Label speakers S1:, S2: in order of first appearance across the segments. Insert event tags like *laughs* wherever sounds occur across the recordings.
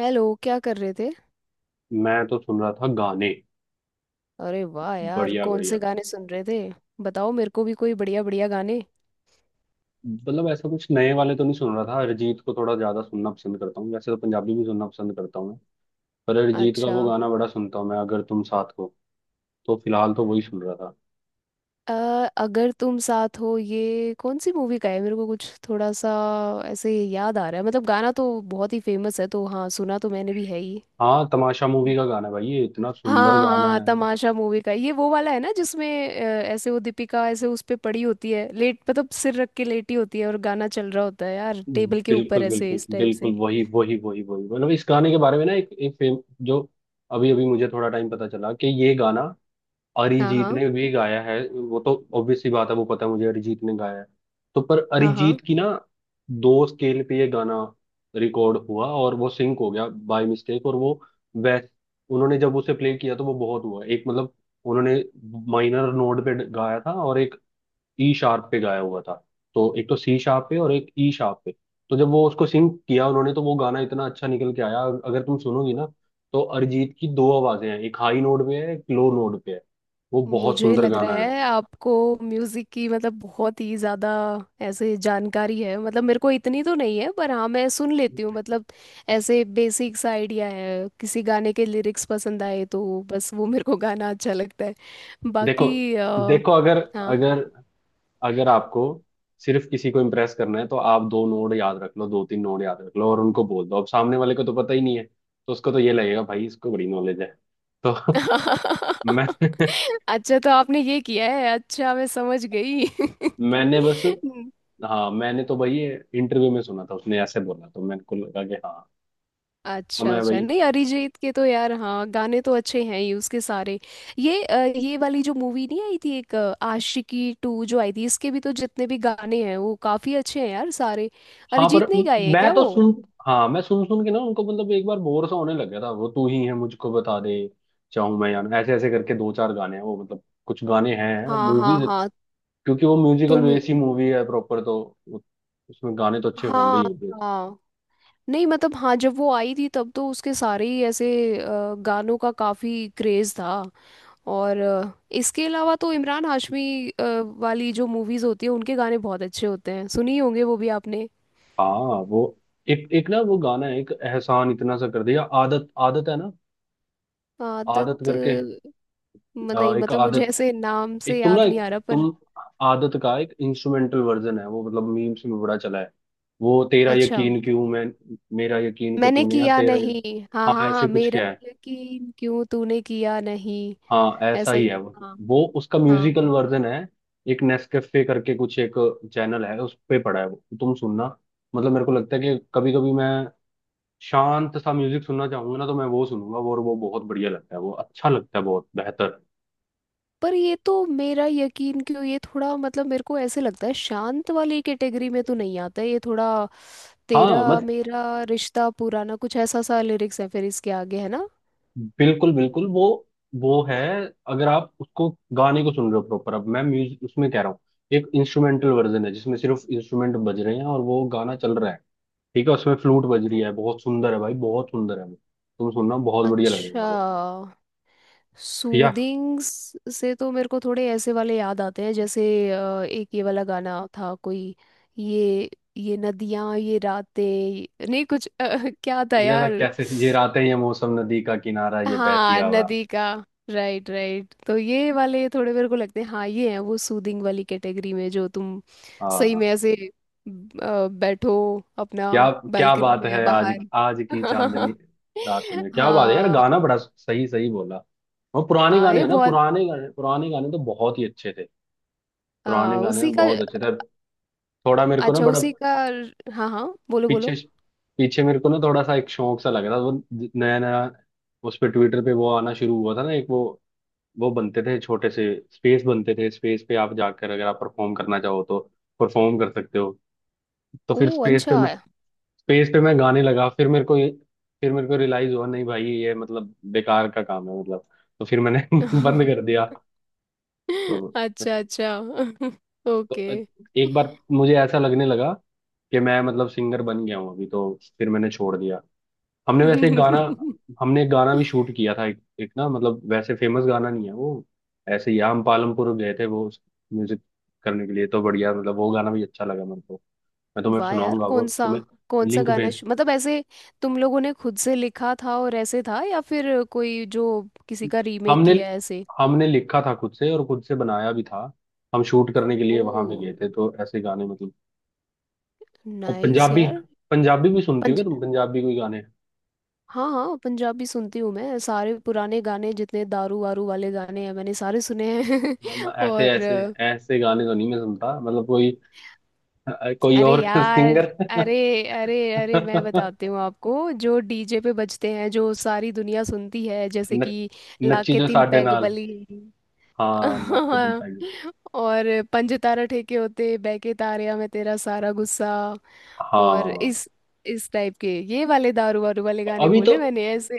S1: Hello, क्या कर रहे थे।
S2: मैं तो सुन रहा था गाने।
S1: अरे वाह यार,
S2: बढ़िया
S1: कौन
S2: बढ़िया।
S1: से गाने सुन रहे थे। बताओ मेरे को भी कोई बढ़िया बढ़िया गाने।
S2: मतलब ऐसा कुछ नए वाले तो नहीं सुन रहा था। अरिजीत को थोड़ा ज्यादा सुनना पसंद करता हूँ। वैसे तो पंजाबी भी सुनना पसंद करता हूँ मैं। पर अरिजीत का वो
S1: अच्छा।
S2: गाना बड़ा सुनता हूँ मैं, अगर तुम साथ हो। तो फिलहाल तो वही सुन रहा था।
S1: अ, अगर तुम साथ हो ये कौन सी मूवी का है, मेरे को कुछ थोड़ा सा ऐसे याद आ रहा है। मतलब गाना तो बहुत ही फेमस है, तो हाँ, सुना तो मैंने भी है ही।
S2: हाँ, तमाशा मूवी का गाना है भाई। ये इतना
S1: हाँ
S2: सुंदर गाना
S1: हाँ,
S2: है।
S1: तमाशा मूवी का ये वो वाला है ना जिसमें अ, ऐसे वो दीपिका ऐसे उस पे पड़ी होती है लेट, मतलब सिर रख के लेटी होती है और गाना चल रहा होता है यार, टेबल के ऊपर
S2: बिल्कुल
S1: ऐसे
S2: बिल्कुल
S1: इस टाइप से।
S2: बिल्कुल वही वही वही वही। मतलब इस गाने के बारे में ना एक एक फेम जो अभी अभी मुझे थोड़ा टाइम पता चला कि ये गाना
S1: हाँ
S2: अरिजीत
S1: हाँ
S2: ने भी गाया है। वो तो ऑब्वियस सी बात है, वो पता है मुझे अरिजीत ने गाया है। तो पर
S1: हाँ हाँ।
S2: अरिजीत की ना दो स्केल पे ये गाना रिकॉर्ड हुआ और वो सिंक हो गया बाय मिस्टेक। और वो वैस उन्होंने जब उसे प्ले किया तो वो बहुत हुआ एक मतलब उन्होंने माइनर नोड पे गाया था और एक ई शार्प पे गाया हुआ था। तो एक तो सी शार्प पे और एक ई शार्प पे। तो जब वो उसको सिंग किया उन्होंने तो वो गाना इतना अच्छा निकल के आया। और अगर तुम सुनोगी ना तो अरिजीत की दो आवाजें हैं, एक हाई नोट पे है एक लो नोट पे है। वो बहुत
S1: मुझे
S2: सुंदर
S1: लग रहा
S2: गाना है।
S1: है आपको म्यूजिक की मतलब बहुत ही ज्यादा ऐसे जानकारी है। मतलब मेरे को इतनी तो नहीं है, पर हाँ मैं सुन लेती हूँ। मतलब ऐसे बेसिक सा आइडिया है। किसी गाने के लिरिक्स पसंद आए तो बस वो मेरे को गाना अच्छा लगता है।
S2: देखो।
S1: बाकी
S2: देखो अगर
S1: हाँ।
S2: अगर अगर आपको सिर्फ किसी को इम्प्रेस करना है तो आप दो नोड याद रख लो, दो तीन नोड याद रख लो और उनको बोल दो। अब सामने वाले को तो पता ही नहीं है तो उसको तो ये लगेगा भाई इसको बड़ी नॉलेज है। तो *laughs* मैं
S1: *laughs* अच्छा, तो आपने ये किया है। अच्छा, मैं समझ गई।
S2: मैंने बस,
S1: *laughs*
S2: हाँ मैंने तो भाई इंटरव्यू में सुना था। उसने ऐसे बोला तो मेरे को लगा कि हाँ। तो
S1: अच्छा
S2: मैं भाई
S1: अच्छा, नहीं,
S2: हाँ।
S1: अरिजीत के तो यार हाँ, गाने तो अच्छे हैं ही उसके सारे। ये ये वाली जो मूवी नहीं आई थी एक आशिकी टू जो आई थी, इसके भी तो जितने भी गाने हैं वो काफी अच्छे हैं यार सारे।
S2: हाँ, पर
S1: अरिजीत ने ही गाए हैं
S2: मैं
S1: क्या
S2: तो
S1: वो।
S2: सुन, हाँ मैं सुन सुन के ना उनको मतलब एक बार बोर सा होने लग गया था। वो तू ही है मुझको बता दे, चाहूं मैं या ना, ऐसे ऐसे करके दो चार गाने हैं वो। मतलब कुछ गाने हैं
S1: हाँ हाँ
S2: मूवीज
S1: हाँ।
S2: क्योंकि वो म्यूजिकल
S1: तुम
S2: बेस ही मूवी है प्रॉपर। तो उ- उसमें गाने तो अच्छे होंगे
S1: हाँ
S2: ही होंगे।
S1: हाँ। नहीं मतलब हाँ, जब वो आई थी तब तो उसके सारे ही ऐसे गानों का काफी क्रेज था। और इसके अलावा तो इमरान हाशमी वाली जो मूवीज होती है उनके गाने बहुत अच्छे होते हैं। सुनी होंगे वो भी आपने।
S2: हाँ, वो एक एक ना वो गाना है, एक एहसान इतना सा कर दिया, आदत आदत है ना, आदत
S1: आदत।
S2: करके।
S1: नहीं
S2: एक
S1: मतलब मुझे
S2: आदत,
S1: ऐसे नाम
S2: एक
S1: से
S2: तुम ना,
S1: याद
S2: एक
S1: नहीं आ रहा पर।
S2: तुम आदत का एक इंस्ट्रूमेंटल वर्जन है वो। मतलब मीम्स में बड़ा चला है। वो तेरा
S1: अच्छा।
S2: यकीन क्यों मैं मेरा यकीन को
S1: मैंने
S2: तूने, या
S1: किया
S2: तेरा यकीन-।
S1: नहीं, हाँ हाँ
S2: हाँ
S1: हाँ,
S2: ऐसे कुछ
S1: मेरा
S2: क्या है।
S1: यकीन क्यों तूने किया नहीं।
S2: हाँ ऐसा
S1: ऐसा
S2: ही
S1: ही।
S2: है वो।
S1: हाँ
S2: वो उसका म्यूजिकल
S1: हाँ।
S2: वर्जन है। एक नेस्कैफे करके कुछ एक चैनल है उस पे पड़ा है वो, तुम सुनना। मतलब मेरे को लगता है कि कभी कभी मैं शांत सा म्यूजिक सुनना चाहूंगा ना तो मैं वो सुनूंगा। वो और वो बहुत बढ़िया लगता है। वो अच्छा लगता है, बहुत बेहतर।
S1: पर ये तो मेरा यकीन क्यों, ये थोड़ा मतलब मेरे को ऐसे लगता है शांत वाली कैटेगरी में तो नहीं आता है ये थोड़ा। तेरा
S2: हाँ
S1: मेरा रिश्ता पुराना, कुछ ऐसा सा लिरिक्स है फिर इसके आगे है ना।
S2: बिल्कुल बिल्कुल, वो है। अगर आप उसको गाने को सुन रहे हो प्रॉपर, अब मैं म्यूजिक उसमें कह रहा हूँ। एक इंस्ट्रूमेंटल वर्जन है जिसमें सिर्फ इंस्ट्रूमेंट बज रहे हैं और वो गाना चल रहा है। ठीक है, उसमें फ्लूट बज रही है। बहुत सुंदर है भाई, बहुत सुंदर है वो। तुम सुनना, बहुत बढ़िया
S1: अच्छा।
S2: लगेगा वो। या
S1: सूदिंग से तो मेरे को थोड़े ऐसे वाले याद आते हैं, जैसे एक ये वाला गाना था कोई, ये ये नदियां ये रातें नहीं कुछ *laughs* क्या था
S2: इन्हें था
S1: यार।
S2: कैसे, ये रातें ये मौसम नदी का किनारा ये बहती
S1: हाँ,
S2: हवा।
S1: नदी का। राइट राइट, तो ये वाले थोड़े मेरे को लगते हैं। हाँ ये हैं वो सूदिंग वाली कैटेगरी में, जो तुम सही
S2: हाँ
S1: में ऐसे बैठो अपना
S2: क्या क्या
S1: बालकनी
S2: बात
S1: में या
S2: है, आज
S1: बाहर।
S2: आज की चांदनी रात में
S1: *laughs*
S2: क्या बात है यार,
S1: हाँ
S2: गाना बड़ा सही सही बोला। और पुराने
S1: हाँ,
S2: गाने
S1: ये
S2: हैं ना,
S1: बहुत
S2: पुराने गाने तो बहुत ही अच्छे थे। पुराने
S1: हाँ
S2: गाने
S1: उसी
S2: में
S1: का।
S2: बहुत अच्छे थे। थोड़ा मेरे को ना
S1: अच्छा
S2: बड़ा
S1: उसी का। हाँ हाँ, बोलो
S2: पीछे,
S1: बोलो।
S2: पीछे मेरे को ना थोड़ा सा एक शौक सा लग रहा था वो, नया नया उस पे ट्विटर पे वो आना शुरू हुआ था ना एक वो बनते थे छोटे से स्पेस बनते थे। स्पेस पे आप जाकर अगर आप परफॉर्म करना चाहो तो परफॉर्म कर सकते हो। तो
S1: ओ
S2: फिर स्पेस पे
S1: अच्छा।
S2: मैं,
S1: *laughs*
S2: स्पेस पे मैं गाने लगा। फिर मेरे को ये, फिर मेरे को रियलाइज हुआ नहीं भाई ये मतलब बेकार का काम है मतलब। तो फिर मैंने *laughs* बंद कर दिया। तो,
S1: अच्छा अच्छा। *laughs*
S2: तो
S1: ओके।
S2: एक बार मुझे ऐसा लगने लगा कि मैं मतलब सिंगर बन गया हूँ अभी। तो फिर मैंने छोड़ दिया। हमने वैसे एक गाना,
S1: *laughs*
S2: हमने एक गाना भी शूट किया था एक, एक ना मतलब वैसे फेमस गाना नहीं है वो। ऐसे ही हम पालमपुर गए थे वो म्यूजिक करने के लिए। तो बढ़िया, मतलब वो गाना भी अच्छा लगा मेरे को। मैं तुम्हें
S1: वाह यार,
S2: सुनाऊंगा वो, तुम्हें
S1: कौन सा
S2: लिंक
S1: गाना
S2: भेज।
S1: मतलब ऐसे तुम लोगों ने खुद से लिखा था और ऐसे था, या फिर कोई जो किसी का रीमेक
S2: हमने
S1: किया है ऐसे।
S2: हमने लिखा था खुद से और खुद से बनाया भी था। हम शूट करने के लिए
S1: ओ
S2: वहां भी गए थे। तो ऐसे गाने मतलब। और
S1: नाइस
S2: पंजाबी,
S1: यार।
S2: पंजाबी भी सुनती हो
S1: पंज।
S2: क्या तुम, पंजाबी कोई गाने?
S1: हाँ हाँ, पंजाबी सुनती हूँ मैं। सारे पुराने गाने जितने दारू वारू वाले गाने हैं मैंने सारे सुने हैं।
S2: मैं
S1: *laughs*
S2: ऐसे
S1: और
S2: ऐसे ऐसे गाने तो नहीं मैं सुनता मतलब कोई। कोई
S1: अरे
S2: और *laughs*
S1: यार,
S2: सिंगर।
S1: अरे अरे अरे मैं
S2: न,
S1: बताती हूँ आपको, जो डीजे पे बजते हैं जो सारी दुनिया सुनती है, जैसे कि
S2: नच्ची
S1: लाके
S2: जो
S1: तीन
S2: साडे
S1: पैग
S2: नाल,
S1: बली।
S2: हाँ नाच के दिल पै गई।
S1: *laughs* और पंज तारा ठेके होते, बहके तारया मैं तेरा सारा गुस्सा, और
S2: हाँ,
S1: इस टाइप के, ये वाले दारू वारू वाले गाने
S2: अभी तो
S1: बोले मैंने ऐसे।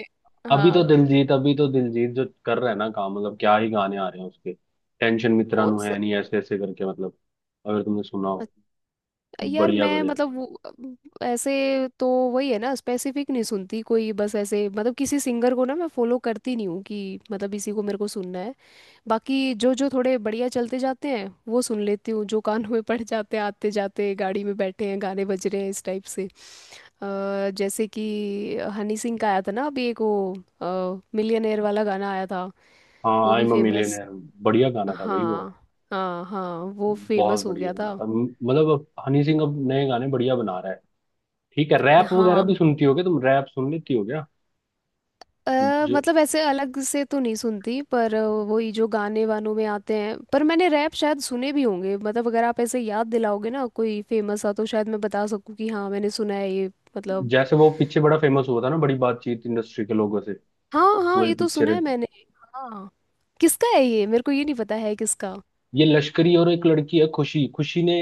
S2: अभी तो
S1: हाँ
S2: दिलजीत अभी तो दिलजीत जो कर रहा है ना काम, मतलब क्या ही गाने आ रहे हैं उसके। टेंशन मित्रा
S1: कौन
S2: नु
S1: सा,
S2: है नहीं, ऐसे ऐसे करके मतलब, अगर तुमने सुना हो।
S1: यार
S2: बढ़िया
S1: मैं
S2: बढ़िया।
S1: मतलब ऐसे तो वही है ना, स्पेसिफिक नहीं सुनती कोई। बस ऐसे मतलब किसी सिंगर को ना मैं फॉलो करती नहीं हूँ कि मतलब इसी को मेरे को सुनना है। बाकी जो जो थोड़े बढ़िया चलते जाते हैं वो सुन लेती हूँ, जो कान में पड़ जाते हैं आते जाते, गाड़ी में बैठे हैं गाने बज रहे हैं इस टाइप से। जैसे कि हनी सिंह का आया था ना अभी एक वो मिलियनेयर वाला गाना आया था,
S2: हाँ
S1: वो
S2: आई
S1: भी
S2: एम
S1: फेमस।
S2: मिलियनेयर, बढ़िया गाना था भाई वो।
S1: हाँ हाँ हाँ, वो
S2: बहुत
S1: फेमस हो
S2: बढ़िया
S1: गया
S2: गाना
S1: था।
S2: था। मतलब अब हनी सिंह अब नए गाने बढ़िया बना रहा है। ठीक है, रैप वगैरह
S1: हाँ।
S2: भी सुनती हो क्या तुम, रैप सुन लेती हो क्या?
S1: अ
S2: जो
S1: मतलब ऐसे अलग से तो नहीं सुनती, पर वही जो गाने वानों में आते हैं, पर मैंने रैप शायद सुने भी होंगे। मतलब अगर आप ऐसे याद दिलाओगे ना कोई फेमस सा तो शायद मैं बता सकूं कि हाँ मैंने सुना है ये। मतलब
S2: जैसे वो पीछे बड़ा फेमस हुआ था ना, बड़ी बातचीत इंडस्ट्री के लोगों से, वो
S1: हाँ हाँ,
S2: वाली
S1: ये तो
S2: पिक्चर
S1: सुना
S2: है।
S1: है मैंने। हाँ। किसका है ये, मेरे को ये नहीं पता है किसका।
S2: ये लश्करी और एक लड़की है खुशी, खुशी ने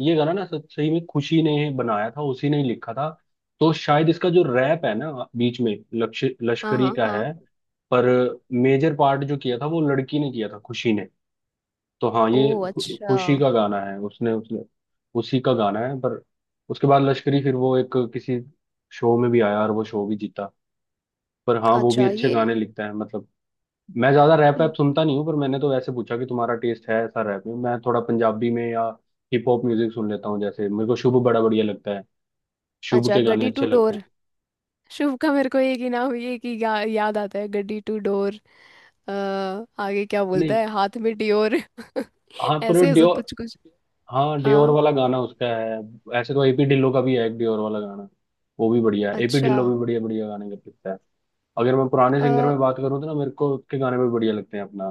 S2: ये गाना ना सही में खुशी ने बनाया था, उसी ने ही लिखा था। तो शायद इसका जो रैप है ना बीच में लक्ष,
S1: हाँ
S2: लश्करी
S1: हाँ
S2: का
S1: हाँ।
S2: है। पर मेजर पार्ट जो किया था वो लड़की ने किया था खुशी ने। तो हाँ
S1: ओ
S2: ये
S1: अच्छा।
S2: खुशी का गाना है, उसने उसने उसी का गाना है। पर उसके बाद लश्करी फिर वो एक किसी शो में भी आया और वो शो भी जीता। पर हाँ वो भी
S1: अच्छा
S2: अच्छे
S1: ये।
S2: गाने लिखता है मतलब। मैं ज्यादा रैप
S1: हम्म।
S2: वैप सुनता नहीं हूँ, पर मैंने तो वैसे पूछा कि तुम्हारा टेस्ट है ऐसा रैप में। मैं थोड़ा पंजाबी में या हिप हॉप म्यूजिक सुन लेता हूँ। जैसे मेरे को शुभ बड़ा बढ़िया लगता है, शुभ
S1: अच्छा,
S2: के गाने
S1: गड्डी टू
S2: अच्छे लगते हैं।
S1: डोर। शुभ का मेरे को एक ही नाम ये कि याद आता है, गड्डी टू डोर। अ, आगे क्या
S2: नहीं,
S1: बोलता है, हाथ में डियोर। *laughs* ऐसे
S2: हाँ पर
S1: ऐसे
S2: डियोर,
S1: कुछ कुछ
S2: हाँ डियोर
S1: हाँ।
S2: वाला गाना उसका है। ऐसे तो एपी ढिल्लो का भी है एक डियोर वाला गाना, वो भी बढ़िया है। एपी
S1: अच्छा।
S2: ढिल्लो भी बढ़िया बढ़िया गाने कर सकता है। अगर मैं पुराने सिंगर
S1: अ,
S2: में बात करूँ तो ना मेरे को उसके गाने भी बढ़िया लगते हैं अपना।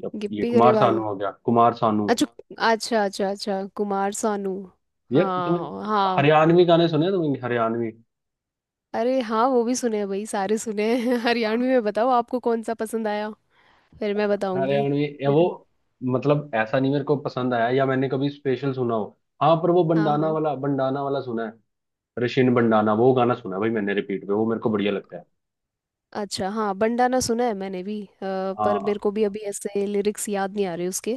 S2: जब ये
S1: गिप्पी
S2: कुमार
S1: गरेवाल।
S2: सानू हो गया, कुमार सानू।
S1: अच्छा अच्छा अच्छा अच्छा, कुमार सानू।
S2: यार तुम्हें
S1: हाँ हाँ।
S2: हरियाणवी गाने सुने हैं तुमने, हरियाणवी?
S1: अरे हाँ, वो भी सुने हैं भाई सारे सुने हैं। *laughs* हरियाणवी में बताओ आपको कौन सा पसंद आया, फिर मैं बताऊंगी
S2: हरियाणवी ये वो,
S1: फिर।
S2: मतलब ऐसा नहीं मेरे को पसंद आया या मैंने कभी स्पेशल सुना हो। हाँ पर वो
S1: हाँ
S2: बंडाना
S1: हाँ।
S2: वाला, बंडाना वाला सुना है, रशियन बंडाना वो गाना सुना है भाई मैंने रिपीट पे, वो मेरे को बढ़िया लगता है।
S1: अच्छा हाँ, बंडाना सुना है मैंने भी। पर
S2: हाँ,
S1: मेरे को भी अभी ऐसे लिरिक्स याद नहीं आ रहे उसके।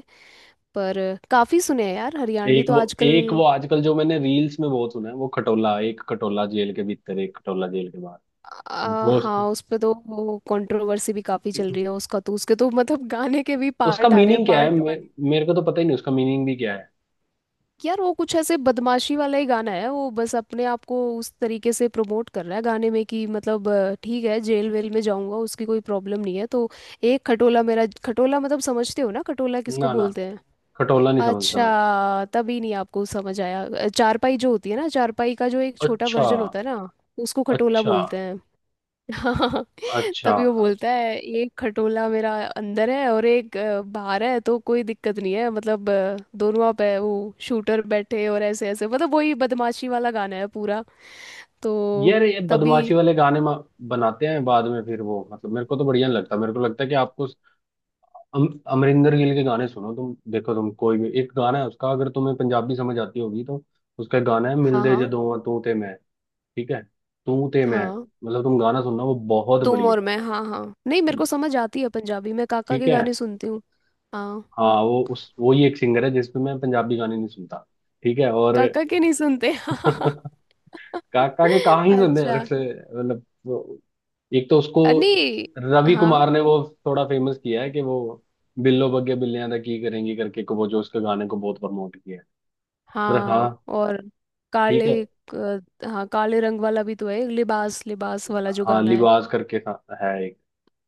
S1: पर काफ़ी सुने हैं यार हरियाणवी
S2: एक
S1: तो
S2: वो,
S1: आजकल।
S2: एक वो आजकल जो मैंने रील्स में बहुत सुना है वो खटोला, एक खटोला जेल के भीतर एक खटोला जेल के बाहर।
S1: आ,
S2: वो
S1: हाँ, उस पे तो वो कंट्रोवर्सी भी काफी चल रही है उसका तो, उसके तो मतलब गाने के भी
S2: उसका
S1: पार्ट आ रहे हैं,
S2: मीनिंग क्या है
S1: पार्ट वन।
S2: मेरे को तो पता ही नहीं उसका मीनिंग भी क्या है।
S1: यार वो कुछ ऐसे बदमाशी वाला ही गाना है वो, बस अपने आप को उस तरीके से प्रमोट कर रहा है गाने में कि मतलब ठीक है जेल वेल में जाऊंगा, उसकी कोई प्रॉब्लम नहीं है तो। एक खटोला मेरा खटोला, मतलब समझते हो ना खटोला किसको
S2: ना ना,
S1: बोलते हैं।
S2: खटोला नहीं समझता मैं।
S1: अच्छा, तभी नहीं आपको समझ आया। चारपाई जो होती है ना, चारपाई का जो एक छोटा
S2: अच्छा
S1: वर्जन होता है ना उसको खटोला
S2: अच्छा
S1: बोलते हैं। हाँ। *laughs*
S2: अच्छा।
S1: तभी वो बोलता है एक खटोला मेरा अंदर है और एक बाहर है तो कोई दिक्कत नहीं है, मतलब दोनों आप है वो शूटर बैठे और ऐसे ऐसे, मतलब वही बदमाशी वाला गाना है पूरा। तो
S2: यार ये
S1: तभी।
S2: बदमाशी वाले गाने बनाते हैं बाद में फिर वो, मतलब मेरे को तो बढ़िया नहीं लगता। मेरे को लगता है कि आपको अमरिंदर गिल के गाने सुनो तुम, देखो तुम कोई भी एक गाना है उसका, अगर तुम्हें पंजाबी समझ आती होगी तो। उसका एक गाना है
S1: हाँ
S2: मिलदे
S1: हाँ
S2: जदों तू ते मैं, ठीक है, तू ते मैं,
S1: हाँ,
S2: मतलब तुम गाना सुनना, वो बहुत
S1: तुम
S2: बढ़िया
S1: और मैं, हाँ हाँ, नहीं मेरे
S2: है।
S1: को समझ आती है पंजाबी। मैं काका
S2: ठीक
S1: के
S2: है
S1: गाने सुनती हूँ। हाँ,
S2: हाँ, वो उस वो ही एक सिंगर है जिसपे मैं पंजाबी गाने नहीं सुनता, ठीक है। और
S1: काका के नहीं सुनते।
S2: *laughs* काका के
S1: *laughs*
S2: कहाँ ही सुनने हैं
S1: अच्छा।
S2: अक्सर मतलब। एक तो उसको
S1: नहीं।
S2: रवि
S1: हाँ
S2: कुमार ने वो थोड़ा फेमस किया है कि वो बिल्लो बग्गे बिल्लियां दा की करेंगी करके को, वो जो उसके गाने को बहुत प्रमोट किया है। पर हाँ,
S1: हाँ। और
S2: ठीक
S1: काले
S2: है।
S1: हाँ, काले रंग वाला भी तो है, लिबास लिबास वाला जो
S2: हाँ
S1: गाना है।
S2: लिबास करके था है एक,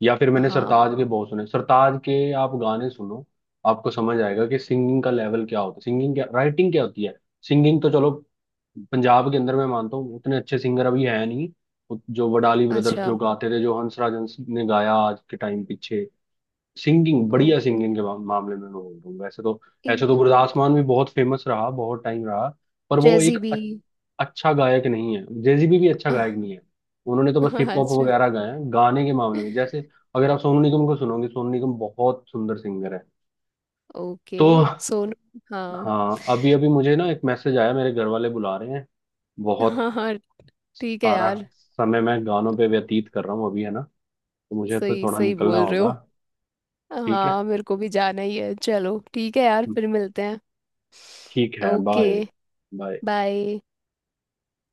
S2: या फिर मैंने सरताज
S1: हाँ।
S2: के बहुत सुने, सरताज के आप गाने सुनो, आपको समझ आएगा कि सिंगिंग का लेवल क्या होता है, सिंगिंग क्या राइटिंग क्या होती है। सिंगिंग तो चलो, पंजाब के अंदर मैं मानता हूँ उतने अच्छे सिंगर अभी है नहीं, जो वडाली ब्रदर्स
S1: अच्छा।
S2: जो गाते थे, जो हंसराज हंस ने गाया आज के टाइम पीछे। सिंगिंग
S1: ओ,
S2: बढ़िया, सिंगिंग के मामले में मैं बोल रहा हूँ वैसे तो। ऐसे
S1: ई-
S2: तो गुरदास
S1: उ-
S2: मान भी बहुत फेमस रहा, बहुत टाइम रहा। पर वो एक
S1: जैजी भी।
S2: अच्छा गायक नहीं है, जेजीबी भी अच्छा गायक नहीं
S1: *laughs*
S2: है। उन्होंने तो बस हिप हॉप
S1: अच्छा।
S2: वगैरह गाए हैं, गाने के मामले में जैसे अगर आप सोनू निगम को सुनोगे, सोनू निगम बहुत सुंदर सिंगर है।
S1: ओके।
S2: तो
S1: सोनू। हाँ
S2: हाँ, अभी अभी मुझे ना एक मैसेज आया, मेरे घर वाले बुला रहे हैं। बहुत
S1: हाँ हाँ, ठीक है
S2: सारा
S1: यार,
S2: समय मैं गानों पे व्यतीत कर रहा हूँ अभी है ना, तो मुझे तो
S1: सही
S2: थोड़ा
S1: सही
S2: निकलना
S1: बोल रहे
S2: होगा।
S1: हो।
S2: ठीक है।
S1: हाँ मेरे को भी जाना ही है, चलो ठीक है यार, फिर मिलते हैं।
S2: ठीक है,
S1: ओके।
S2: बाय। बाय।
S1: बाय।